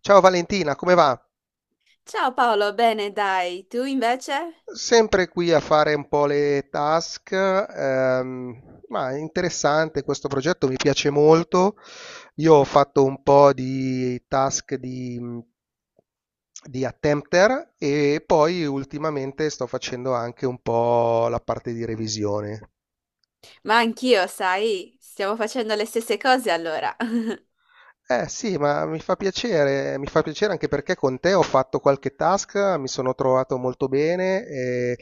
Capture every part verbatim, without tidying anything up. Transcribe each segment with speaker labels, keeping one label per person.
Speaker 1: Ciao Valentina, come va?
Speaker 2: Ciao Paolo, bene, dai, tu invece?
Speaker 1: Sempre qui a fare un po' le task, ehm, ma è interessante questo progetto, mi piace molto. Io ho fatto un po' di task di, di attempter e poi ultimamente sto facendo anche un po' la parte di revisione.
Speaker 2: Ma anch'io, sai, stiamo facendo le stesse cose allora.
Speaker 1: Eh sì, ma mi fa piacere, mi fa piacere anche perché con te ho fatto qualche task, mi sono trovato molto bene e,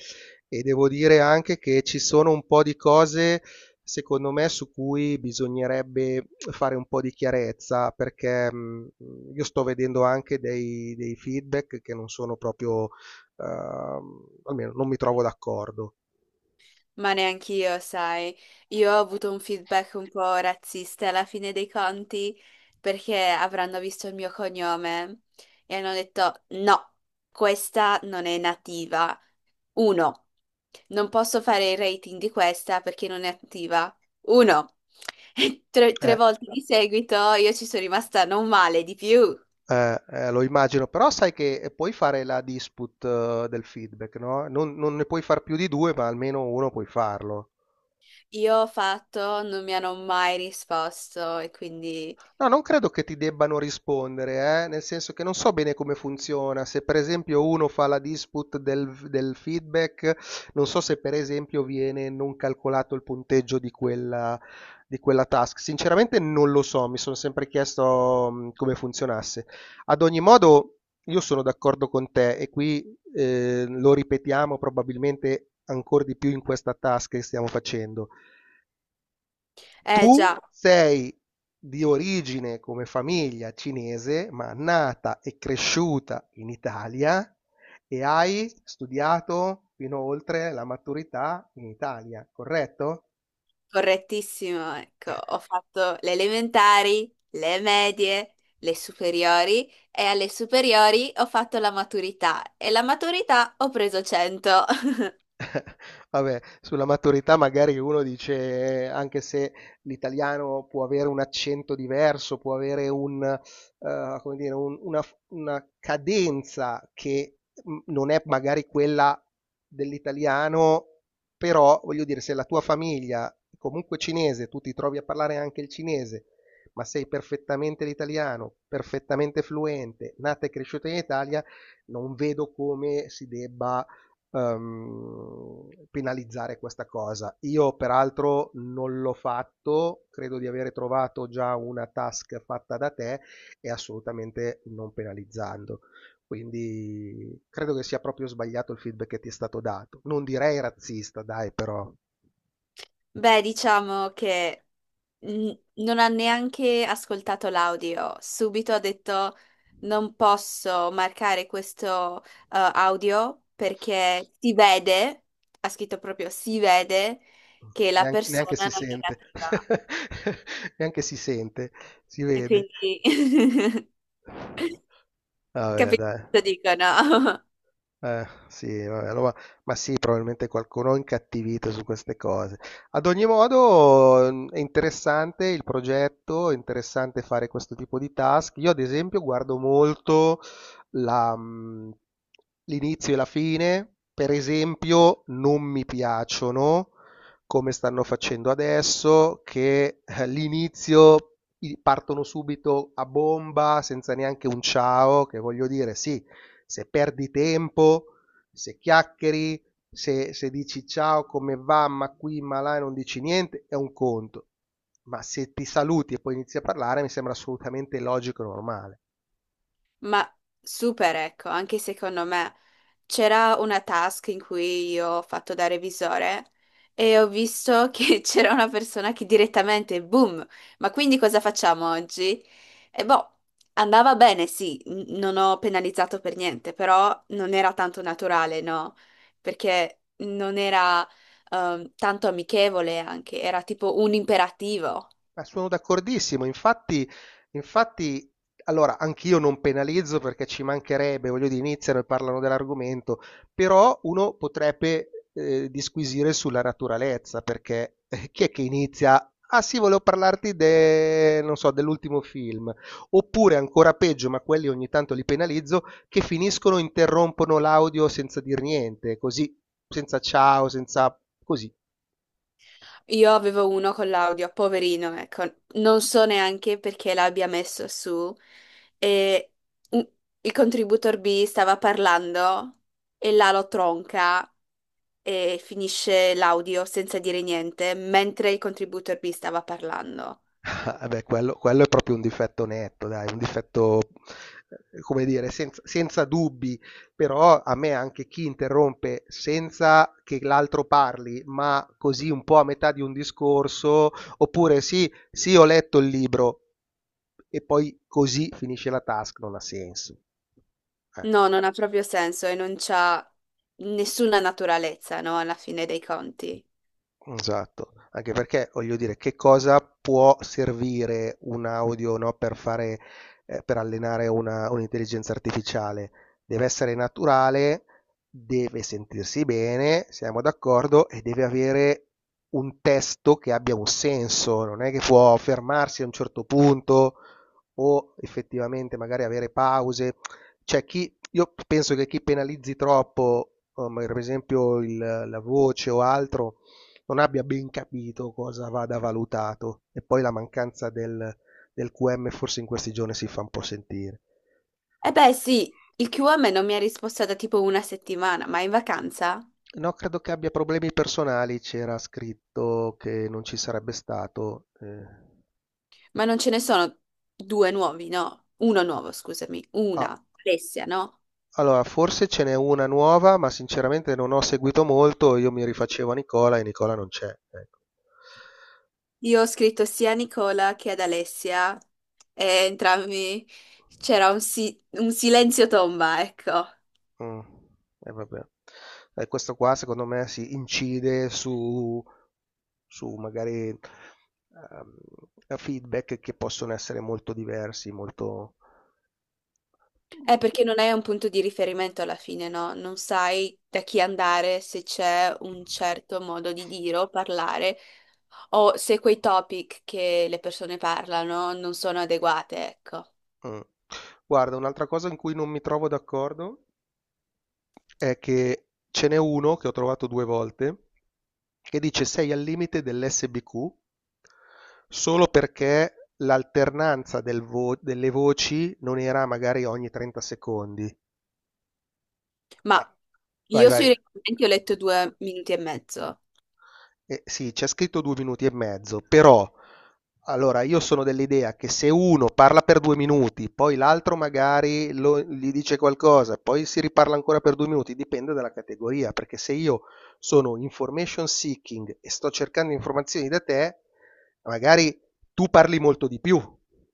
Speaker 1: e devo dire anche che ci sono un po' di cose, secondo me, su cui bisognerebbe fare un po' di chiarezza, perché mh, io sto vedendo anche dei, dei feedback che non sono proprio, ehm, almeno non mi trovo d'accordo.
Speaker 2: Ma neanch'io, sai, io ho avuto un feedback un po' razzista alla fine dei conti, perché avranno visto il mio cognome e hanno detto no, questa non è nativa. Uno, non posso fare il rating di questa perché non è attiva. Uno, e tre, tre
Speaker 1: Eh,
Speaker 2: volte di seguito io ci sono rimasta non male di più.
Speaker 1: Eh, eh, lo immagino, però sai che eh, puoi fare la dispute eh, del feedback, no? Non, non ne puoi far più di due, ma almeno uno puoi farlo.
Speaker 2: Io ho fatto, non mi hanno mai risposto e quindi,
Speaker 1: No, non credo che ti debbano rispondere, eh, nel senso che non so bene come funziona. Se per esempio uno fa la dispute del, del feedback, non so se per esempio viene non calcolato il punteggio di quella, di quella task. Sinceramente non lo so, mi sono sempre chiesto mh, come funzionasse. Ad ogni modo, io sono d'accordo con te e qui eh, lo ripetiamo probabilmente ancora di più in questa task che stiamo facendo.
Speaker 2: eh
Speaker 1: Tu
Speaker 2: già,
Speaker 1: sei di origine come famiglia cinese, ma nata e cresciuta in Italia e hai studiato fino oltre la maturità in Italia, corretto?
Speaker 2: correttissimo, ecco, ho fatto le elementari, le medie, le superiori e alle superiori ho fatto la maturità e la maturità ho preso cento.
Speaker 1: Vabbè, sulla maturità magari uno dice, eh, anche se l'italiano può avere un accento diverso, può avere un, eh, come dire, un- una, una cadenza che mm, non è magari quella dell'italiano, però voglio dire, se la tua famiglia è comunque cinese, tu ti trovi a parlare anche il cinese, ma sei perfettamente l'italiano, perfettamente fluente, nata e cresciuta in Italia, non vedo come si debba ehm, penalizzare questa cosa. Io peraltro non l'ho fatto, credo di aver trovato già una task fatta da te e assolutamente non penalizzando. Quindi credo che sia proprio sbagliato il feedback che ti è stato dato. Non direi razzista, dai, però
Speaker 2: Beh, diciamo che mm, non ha neanche ascoltato l'audio. Subito ha detto non posso marcare questo eh, audio perché si vede, ha scritto proprio si vede che la
Speaker 1: neanche, neanche
Speaker 2: persona
Speaker 1: si
Speaker 2: non è
Speaker 1: sente,
Speaker 2: nativa.
Speaker 1: neanche si sente, si
Speaker 2: E
Speaker 1: vede.
Speaker 2: quindi
Speaker 1: Vabbè,
Speaker 2: capisco
Speaker 1: dai.
Speaker 2: cosa dicono.
Speaker 1: Eh, sì, vabbè, allora- ma sì, probabilmente qualcuno è incattivito su queste cose. Ad ogni modo, mh, è interessante il progetto, è interessante fare questo tipo di task. Io, ad esempio, guardo molto la, mh, l'inizio e la fine, per esempio, non mi piacciono come stanno facendo adesso, che eh, l'inizio i- partono subito a bomba senza neanche un ciao, che voglio dire, sì, se perdi tempo, se chiacchieri, se, se dici ciao, come va, ma qui, ma là, e non dici niente, è un conto. Ma se ti saluti e poi inizi a parlare, mi sembra assolutamente logico e normale.
Speaker 2: Ma super, ecco, anche secondo me. C'era una task in cui io ho fatto da revisore e ho visto che c'era una persona che direttamente, boom, ma quindi cosa facciamo oggi? E boh, andava bene, sì, n- non ho penalizzato per niente, però non era tanto naturale, no? Perché non era ehm, tanto amichevole anche, era tipo un imperativo.
Speaker 1: Ma sono d'accordissimo, infatti, infatti, allora, anch'io non penalizzo perché ci mancherebbe, voglio dire, iniziano e parlano dell'argomento, però uno potrebbe eh, disquisire sulla naturalezza, perché eh, chi è che inizia? Ah sì, volevo parlarti de- non so, dell'ultimo film, oppure ancora peggio, ma quelli ogni tanto li penalizzo, che finiscono, interrompono l'audio senza dir niente, così, senza ciao, senza così.
Speaker 2: Io avevo uno con l'audio, poverino, ecco, non so neanche perché l'abbia messo su. E un- il contributor B stava parlando e là lo tronca e finisce l'audio senza dire niente, mentre il contributor B stava parlando.
Speaker 1: Eh beh, quello, quello è proprio un difetto netto, dai, un difetto, eh, come dire, senza, senza dubbi, però a me anche chi interrompe senza che l'altro parli, ma così un po' a metà di un discorso, oppure sì, sì, ho letto il libro e poi così finisce la task, non ha senso. Eh.
Speaker 2: No, non ha proprio senso e non c'ha nessuna naturalezza, no, alla fine dei conti.
Speaker 1: Esatto, anche perché voglio dire, che cosa può servire un audio, no, per fare, eh, per allenare una- un'intelligenza artificiale? Deve essere naturale, deve sentirsi bene, siamo d'accordo, e deve avere un testo che abbia un senso, non è che può fermarsi a un certo punto o effettivamente magari avere pause. Cioè, chi, io penso che chi penalizzi troppo, um, per esempio il- la voce o altro, non abbia ben capito cosa vada valutato. E poi la mancanza del, del Q M forse in questi giorni si fa un po' sentire.
Speaker 2: E beh, sì, il Q M non mi ha risposto da tipo una settimana, ma è in vacanza?
Speaker 1: No, credo che abbia problemi personali, c'era scritto che non ci sarebbe stato. eh.
Speaker 2: Ma non ce ne sono due nuovi, no? Uno nuovo, scusami.
Speaker 1: Ah,
Speaker 2: Una, Alessia, no?
Speaker 1: allora, forse ce n'è una nuova, ma sinceramente non ho seguito molto, io mi rifacevo a Nicola e Nicola non c'è. Ecco.
Speaker 2: Io ho scritto sia a Nicola che ad Alessia e entrambi c'era un, si- un silenzio tomba, ecco.
Speaker 1: Mh. E vabbè. E questo qua secondo me sì, incide su su magari, ehm, eh, feedback che possono essere molto diversi, molto.
Speaker 2: È perché non hai un punto di riferimento alla fine, no? Non sai da chi andare, se c'è un certo modo di dire o parlare, o se quei topic che le persone parlano non sono adeguate, ecco.
Speaker 1: Mh. Guarda, un'altra cosa in cui non mi trovo d'accordo è che ce n'è uno che ho trovato due volte che dice: "Sei al limite dell'S B Q solo perché l'alternanza del vo delle voci non era magari ogni trenta secondi".
Speaker 2: Ma
Speaker 1: Ah, vai,
Speaker 2: io
Speaker 1: vai.
Speaker 2: sui regolamenti ho letto due minuti e mezzo.
Speaker 1: Eh, sì, c'è scritto due minuti e mezzo, però allora io sono dell'idea che se uno parla per due minuti, poi l'altro magari lo- gli dice qualcosa, poi si riparla ancora per due minuti, dipende dalla categoria, perché se io sono information seeking e sto cercando informazioni da te, magari tu parli molto di più.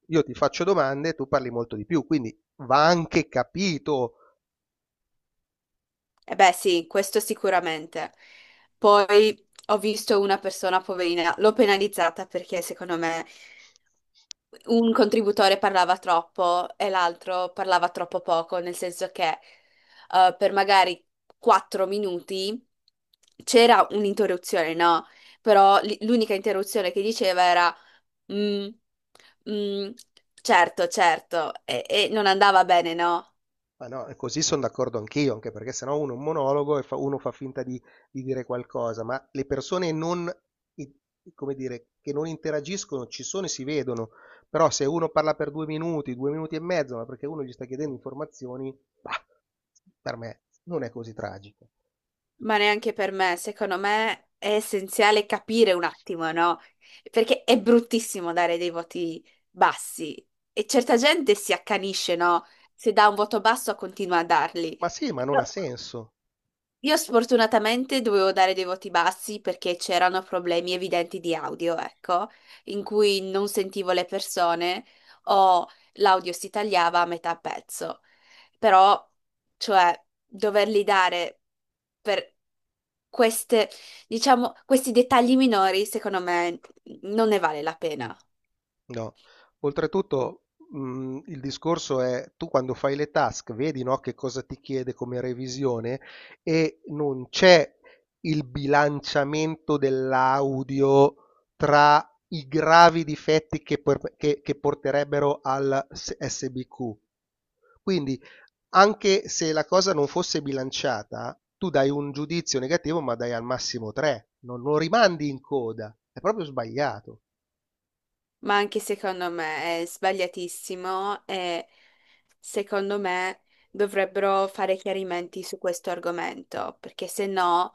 Speaker 1: Io ti faccio domande, tu parli molto di più, quindi va anche capito.
Speaker 2: Eh beh, sì, questo sicuramente. Poi ho visto una persona poverina, l'ho penalizzata perché secondo me un contributore parlava troppo e l'altro parlava troppo poco, nel senso che eh, per magari quattro minuti c'era un'interruzione, no? Però l- l'unica interruzione che diceva era "Mm, mm, certo, certo, e, e non andava bene, no?"
Speaker 1: Ma no, e così sono d'accordo anch'io, anche perché sennò uno è un monologo e fa- uno fa finta di, di dire qualcosa, ma le persone non, i- come dire, che non interagiscono ci sono e si vedono, però se uno parla per due minuti, due minuti e mezzo, ma perché uno gli sta chiedendo informazioni, bah, per me non è così tragico.
Speaker 2: Ma neanche per me, secondo me è essenziale capire un attimo, no? Perché è bruttissimo dare dei voti bassi e certa gente si accanisce, no? Se dà un voto basso continua a darli.
Speaker 1: Ma sì, ma non
Speaker 2: Io,
Speaker 1: ha senso.
Speaker 2: io sfortunatamente dovevo dare dei voti bassi perché c'erano problemi evidenti di audio, ecco, in cui non sentivo le persone o l'audio si tagliava a metà pezzo. Però, cioè, doverli dare per queste, diciamo, questi dettagli minori, secondo me, non ne vale la pena.
Speaker 1: No, oltretutto, mh, il discorso è tu quando fai le task, vedi, no, che cosa ti chiede come revisione e non c'è il bilanciamento dell'audio tra i gravi difetti che, por- che- che porterebbero al S- SBQ. Quindi, anche se la cosa non fosse bilanciata, tu dai un giudizio negativo, ma dai al massimo tre, non non rimandi in coda, è proprio sbagliato.
Speaker 2: Ma anche secondo me è sbagliatissimo e secondo me dovrebbero fare chiarimenti su questo argomento, perché se no,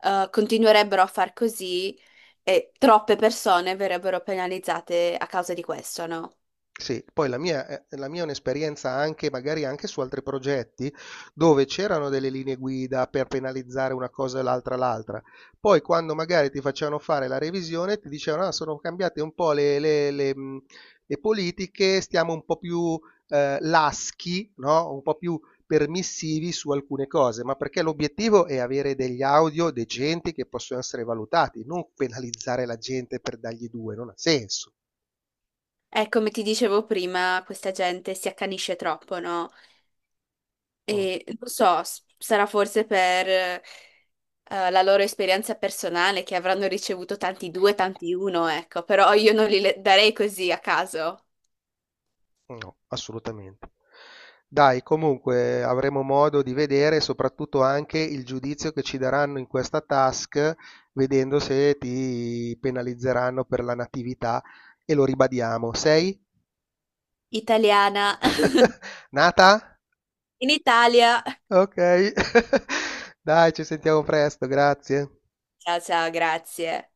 Speaker 2: eh, continuerebbero a far così e troppe persone verrebbero penalizzate a causa di questo, no?
Speaker 1: Sì, poi la mia è la mia è un'esperienza anche magari anche su altri progetti, dove c'erano delle linee guida per penalizzare una cosa e l'altra l'altra. Poi quando magari ti facevano fare la revisione ti dicevano: "Ah, sono cambiate un po' le le le mhmm, le politiche, stiamo un po' più, ehm, laschi, no, un po' più permissivi su alcune cose", ma perché l'obiettivo è avere degli audio decenti che possono essere valutati, non penalizzare la gente per dargli due, non ha senso.
Speaker 2: E come ti dicevo prima, questa gente si accanisce troppo, no?
Speaker 1: Mh.
Speaker 2: E non so, s- sarà forse per eh, la loro esperienza personale, che avranno ricevuto tanti due, tanti uno, ecco, però io non li le- darei così a caso.
Speaker 1: No, assolutamente. Dai, comunque avremo modo di vedere soprattutto anche il giudizio che ci daranno in questa task, vedendo se ti penalizzeranno per la natività e lo ribadiamo. Sei?
Speaker 2: Italiana,
Speaker 1: Nata?
Speaker 2: in Italia.
Speaker 1: Ok. Dai, ci sentiamo presto, grazie.
Speaker 2: Ciao, ciao, grazie.